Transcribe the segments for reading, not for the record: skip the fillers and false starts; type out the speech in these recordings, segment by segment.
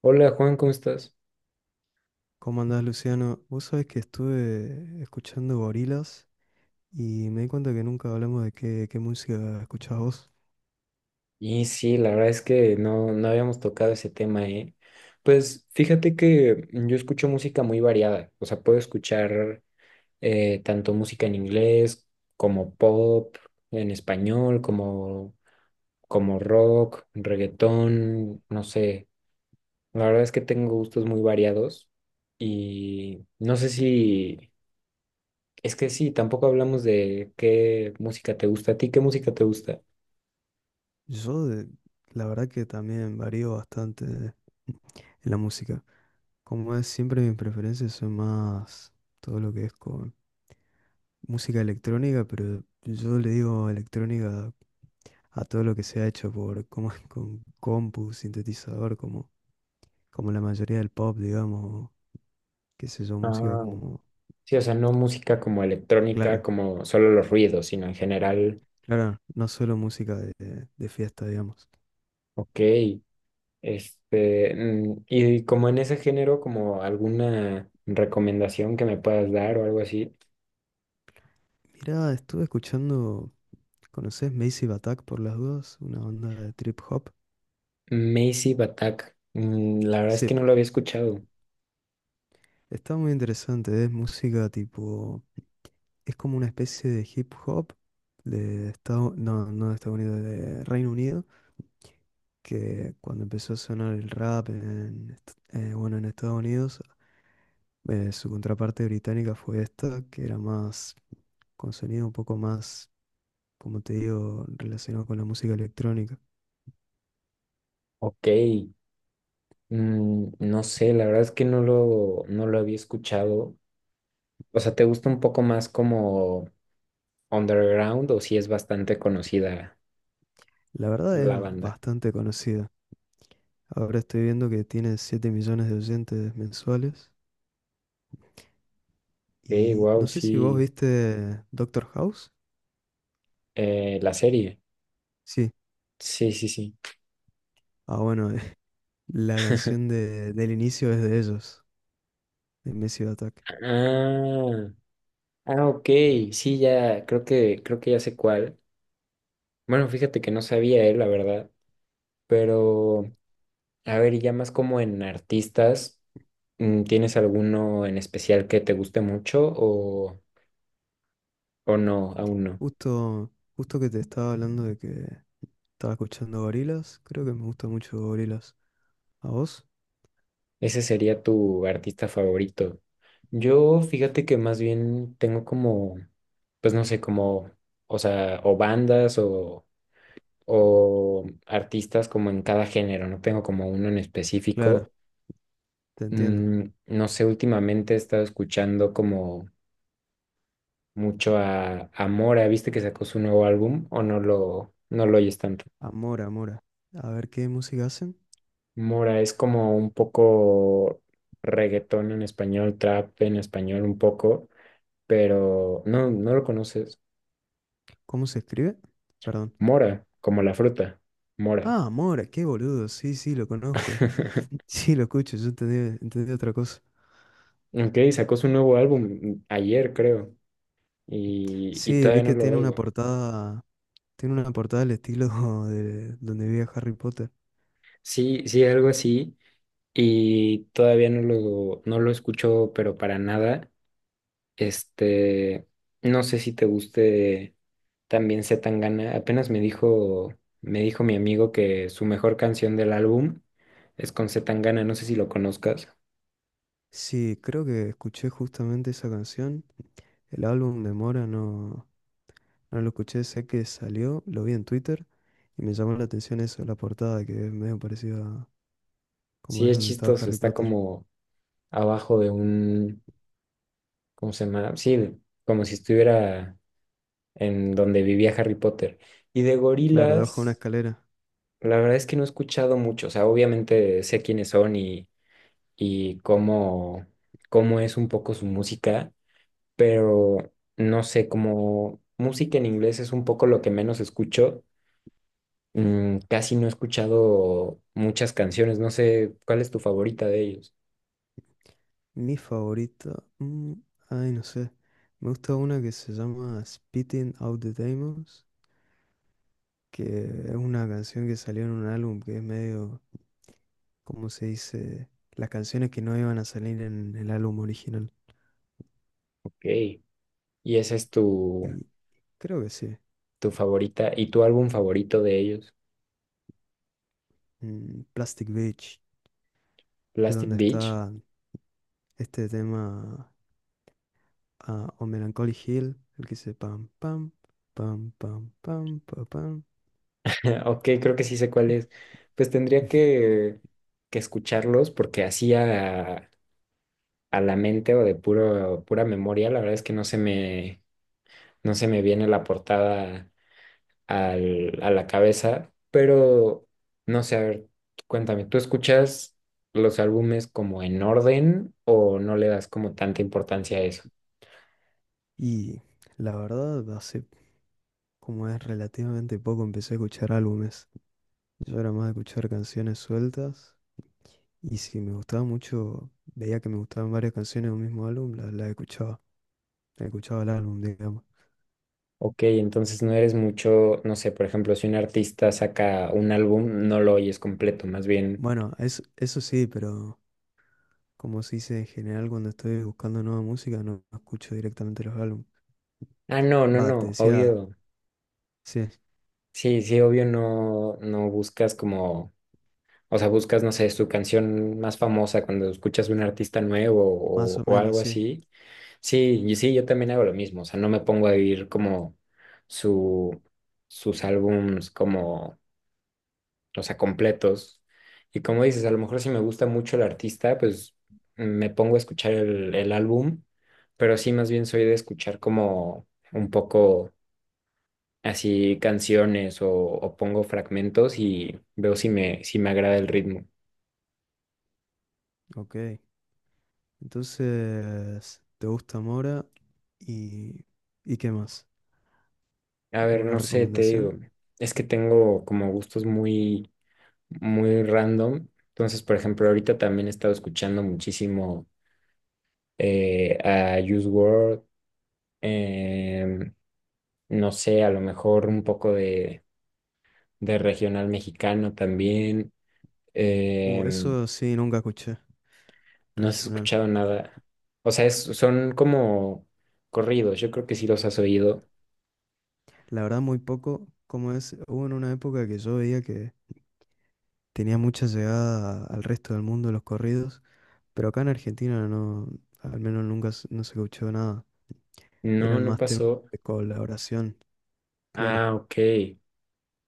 Hola Juan, ¿cómo estás? ¿Cómo andás, Luciano? Vos sabés que estuve escuchando gorilas y me di cuenta que nunca hablamos de qué música escuchás vos. Y sí, la verdad es que no habíamos tocado ese tema, ¿eh? Pues fíjate que yo escucho música muy variada, o sea, puedo escuchar tanto música en inglés como pop, en español, como rock, reggaetón, no sé. La verdad es que tengo gustos muy variados y no sé si, es que sí, tampoco hablamos de qué música te gusta. ¿A ti qué música te gusta? Yo, de- la verdad que también varío bastante en la música. Como es, siempre mis preferencias son más todo lo que es con música electrónica, pero yo le digo electrónica a todo lo que se ha hecho por, como, con compu, sintetizador, como, como la mayoría del pop, digamos, qué sé yo, música Ah. como, Sí, o sea, no música como electrónica, claro. como solo los ruidos, sino en general, Claro, no solo música de fiesta, digamos. ok. Este, y como en ese género, como alguna recomendación que me puedas dar o algo así. Mirá, estuve escuchando, ¿conoces Massive Attack por las dudas? Una banda de trip hop. Massive Attack, mm, la verdad es Sí, que no lo había escuchado. está muy interesante, es música tipo, es como una especie de hip hop de Estados, no, no de Estados Unidos, de Reino Unido, que cuando empezó a sonar el rap bueno, en Estados Unidos, su contraparte británica fue esta, que era más, con sonido un poco más como te digo, relacionado con la música electrónica. Ok, no sé, la verdad es que no lo había escuchado. O sea, ¿te gusta un poco más como underground o si es bastante conocida La verdad es la banda? bastante conocida. Ahora estoy viendo que tiene 7 millones de oyentes mensuales. Ok, Y wow, no sé si vos sí, viste Doctor House. La serie. Sí. Sí, sí, sí. Ah, bueno, la canción del inicio es de ellos, de Massive Attack. Ah, ah, ok. Sí, ya, creo que ya sé cuál. Bueno, fíjate que no sabía él, la verdad. Pero, a ver, y ya más como en artistas, mm, ¿tienes alguno en especial que te guste mucho o no, aún no? Justo, justo que te estaba hablando de que estaba escuchando Gorillaz, creo que me gusta mucho Gorillaz. ¿A vos? Ese sería tu artista favorito. Yo, fíjate que más bien tengo como, pues no sé, como, o sea, o bandas o artistas como en cada género, no tengo como uno en Claro, específico. te entiendo. Mm, no sé, últimamente he estado escuchando como mucho a Mora, ¿viste que sacó su nuevo álbum o no lo oyes tanto? Amora. A ver qué música hacen, Mora es como un poco reggaetón en español, trap en español un poco, pero no, no lo conoces. cómo se escribe. Perdón. Mora, como la fruta, Mora. Ah, Mora, qué boludo. Sí, sí, lo conozco. Sí, lo escucho, yo entendí, entendí otra cosa. Ok, sacó su nuevo álbum ayer, creo, y Sí, vi todavía no que lo oigo. Tiene una portada al estilo de donde vi a Harry Potter. Sí, sí, algo así. Y todavía no lo escucho, pero para nada. Este, no sé si te guste también Zetangana. Apenas me dijo mi amigo que su mejor canción del álbum es con Zetangana. No sé si lo conozcas. Sí, creo que escuché justamente esa canción. El álbum de Mora no, no lo escuché, sé que salió, lo vi en Twitter y me llamó la atención eso, la portada que es medio parecida a como Sí, es es donde estaba chistoso. Harry Está Potter. como abajo de un, ¿cómo se llama? Sí, de- como si estuviera en donde vivía Harry Potter. Y de Claro, debajo de gorilas. una escalera. La verdad es que no he escuchado mucho, o sea, obviamente sé quiénes son y cómo, cómo es un poco su música, pero no sé, como música en inglés es un poco lo que menos escucho, mm, casi no he escuchado muchas canciones, no sé cuál es tu favorita de ellos. Mi favorita. Mm, ay, no sé. Me gusta una que se llama Spitting Out the Demons, que es una canción que salió en un álbum que es medio, ¿cómo se dice? Las canciones que no iban a salir en el álbum original. Ok. Y esa es tu, Y creo que sí. tu favorita y tu álbum favorito de ellos, Mm, Plastic Beach, es Plastic donde Beach. está este tema. Ah, o Melancholy Hill, el que dice pam, pam, pam, pam, pam, pa, pam. Ok, creo que sí sé cuál es. Pues tendría que escucharlos porque hacía a la mente o de puro, pura memoria, la verdad es que no se me viene la portada al- a la cabeza, pero no sé, a ver, cuéntame, ¿tú escuchas los álbumes como en orden o no le das como tanta importancia a eso? Y la verdad, hace como es relativamente poco, empecé a escuchar álbumes. Yo era más de escuchar canciones sueltas. Y si me gustaba mucho, veía que me gustaban varias canciones de un mismo álbum, las la escuchaba. Escuchaba el álbum, digamos. Ok, entonces no eres mucho, no sé, por ejemplo, si un artista saca un álbum, no lo oyes completo, más bien, Bueno, eso sí, pero como se dice en general, cuando estoy buscando nueva música, no escucho directamente los álbumes. ah, no, no, Va, te no, decía, obvio, sí, sí, sí, obvio no, no buscas como. O sea, buscas, no sé, su canción más famosa cuando escuchas un artista nuevo más o o menos, algo sí. así. Sí, y sí, yo también hago lo mismo. O sea, no me pongo a vivir como su, sus álbums como, o sea, completos. Y como dices, a lo mejor si me gusta mucho el artista, pues me pongo a escuchar el álbum, pero sí más bien soy de escuchar como un poco así canciones o pongo fragmentos y veo si me, si me agrada el ritmo. Ok. Entonces, ¿te gusta Mora? ¿Y, y qué más? A ver, ¿Alguna no sé, te recomendación? digo, es que tengo como gustos muy, muy random. Entonces, por ejemplo, ahorita también he estado escuchando muchísimo a Juice WRLD, em, no sé, a lo mejor un poco de regional mexicano también. Em, Eso sí, nunca escuché. no has Regional. escuchado nada. O sea, es- son como corridos, yo creo que sí los has oído. La verdad, muy poco. Como es, hubo en una época que yo veía que tenía mucha llegada al resto del mundo los corridos, pero acá en Argentina no, al menos nunca no se escuchó nada. No, Eran no más temas pasó. de colaboración, claro. Ah, ok.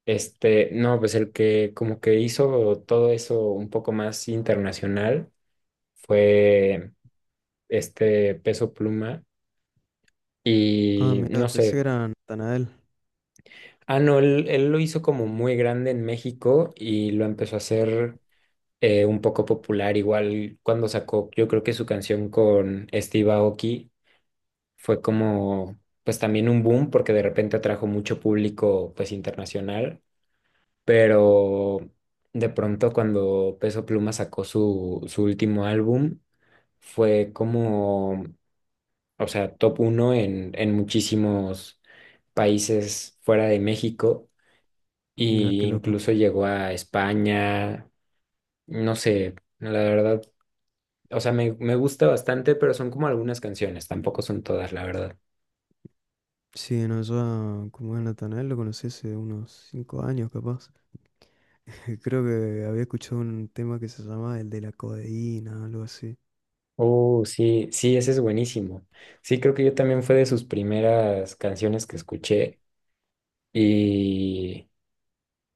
Este, no, pues el que como que hizo todo eso un poco más internacional fue este Peso Pluma Ah, y mira, no pensé que sé, era Natanael. ah, no, él lo hizo como muy grande en México y lo empezó a hacer un poco popular, igual cuando sacó, yo creo que su canción con Steve Aoki fue como, pues también un boom porque de repente atrajo mucho público pues internacional. Pero de pronto cuando Peso Pluma sacó su último álbum, fue como, o sea, top uno en muchísimos países fuera de México Mira y qué loco. incluso llegó a España, no sé, la verdad, o sea, me gusta bastante, pero son como algunas canciones, tampoco son todas, la verdad. Sí, no, yo como es Natanael lo conocí hace unos 5 años capaz. Creo que había escuchado un tema que se llamaba el de la codeína, algo así. Oh, sí, sí, ese es buenísimo. Sí, creo que yo también fue de sus primeras canciones que escuché. Y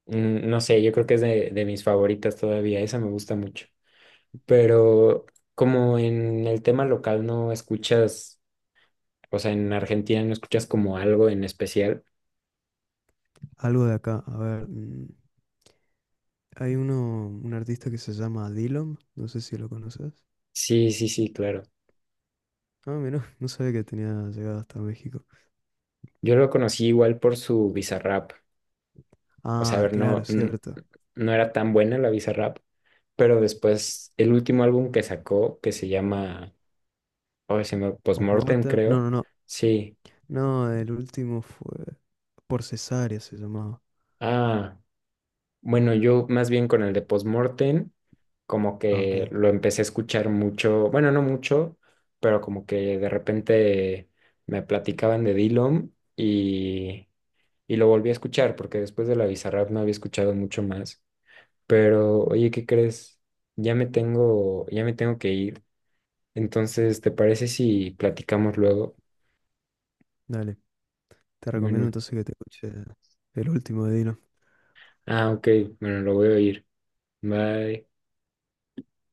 mm, no sé, yo creo que es de mis favoritas todavía, esa me gusta mucho. Pero como en el tema local no escuchas, o sea, en Argentina no escuchas como algo en especial. Algo de acá, a ver. Mm. Hay uno, un artista que se llama Dillom, no sé si lo conoces. Sí, sí, sí, claro. Ah, mira, no sabía que tenía llegado hasta México. Yo lo conocí igual por su Bizarrap. O sea, a Ah, ver, no, claro, n- cierto. no era tan buena la Bizarrap, pero después el último álbum que sacó, que se llama, oh, se me, Postmortem, Postmortem. No, creo. no, no. Sí. No, el último fue por cesárea se llamaba. Ah. Bueno, yo más bien con el de Postmortem, como Ah, ok. que lo empecé a escuchar mucho, bueno, no mucho, pero como que de repente me platicaban de Dillom y lo volví a escuchar, porque después de la Bizarrap no había escuchado mucho más. Pero, oye, ¿qué crees? Ya me tengo que ir. Entonces, ¿te parece si platicamos luego? Dale. Te recomiendo Bueno, entonces que te escuches el último de Dillom. ah, ok, bueno, lo voy a oír. Bye.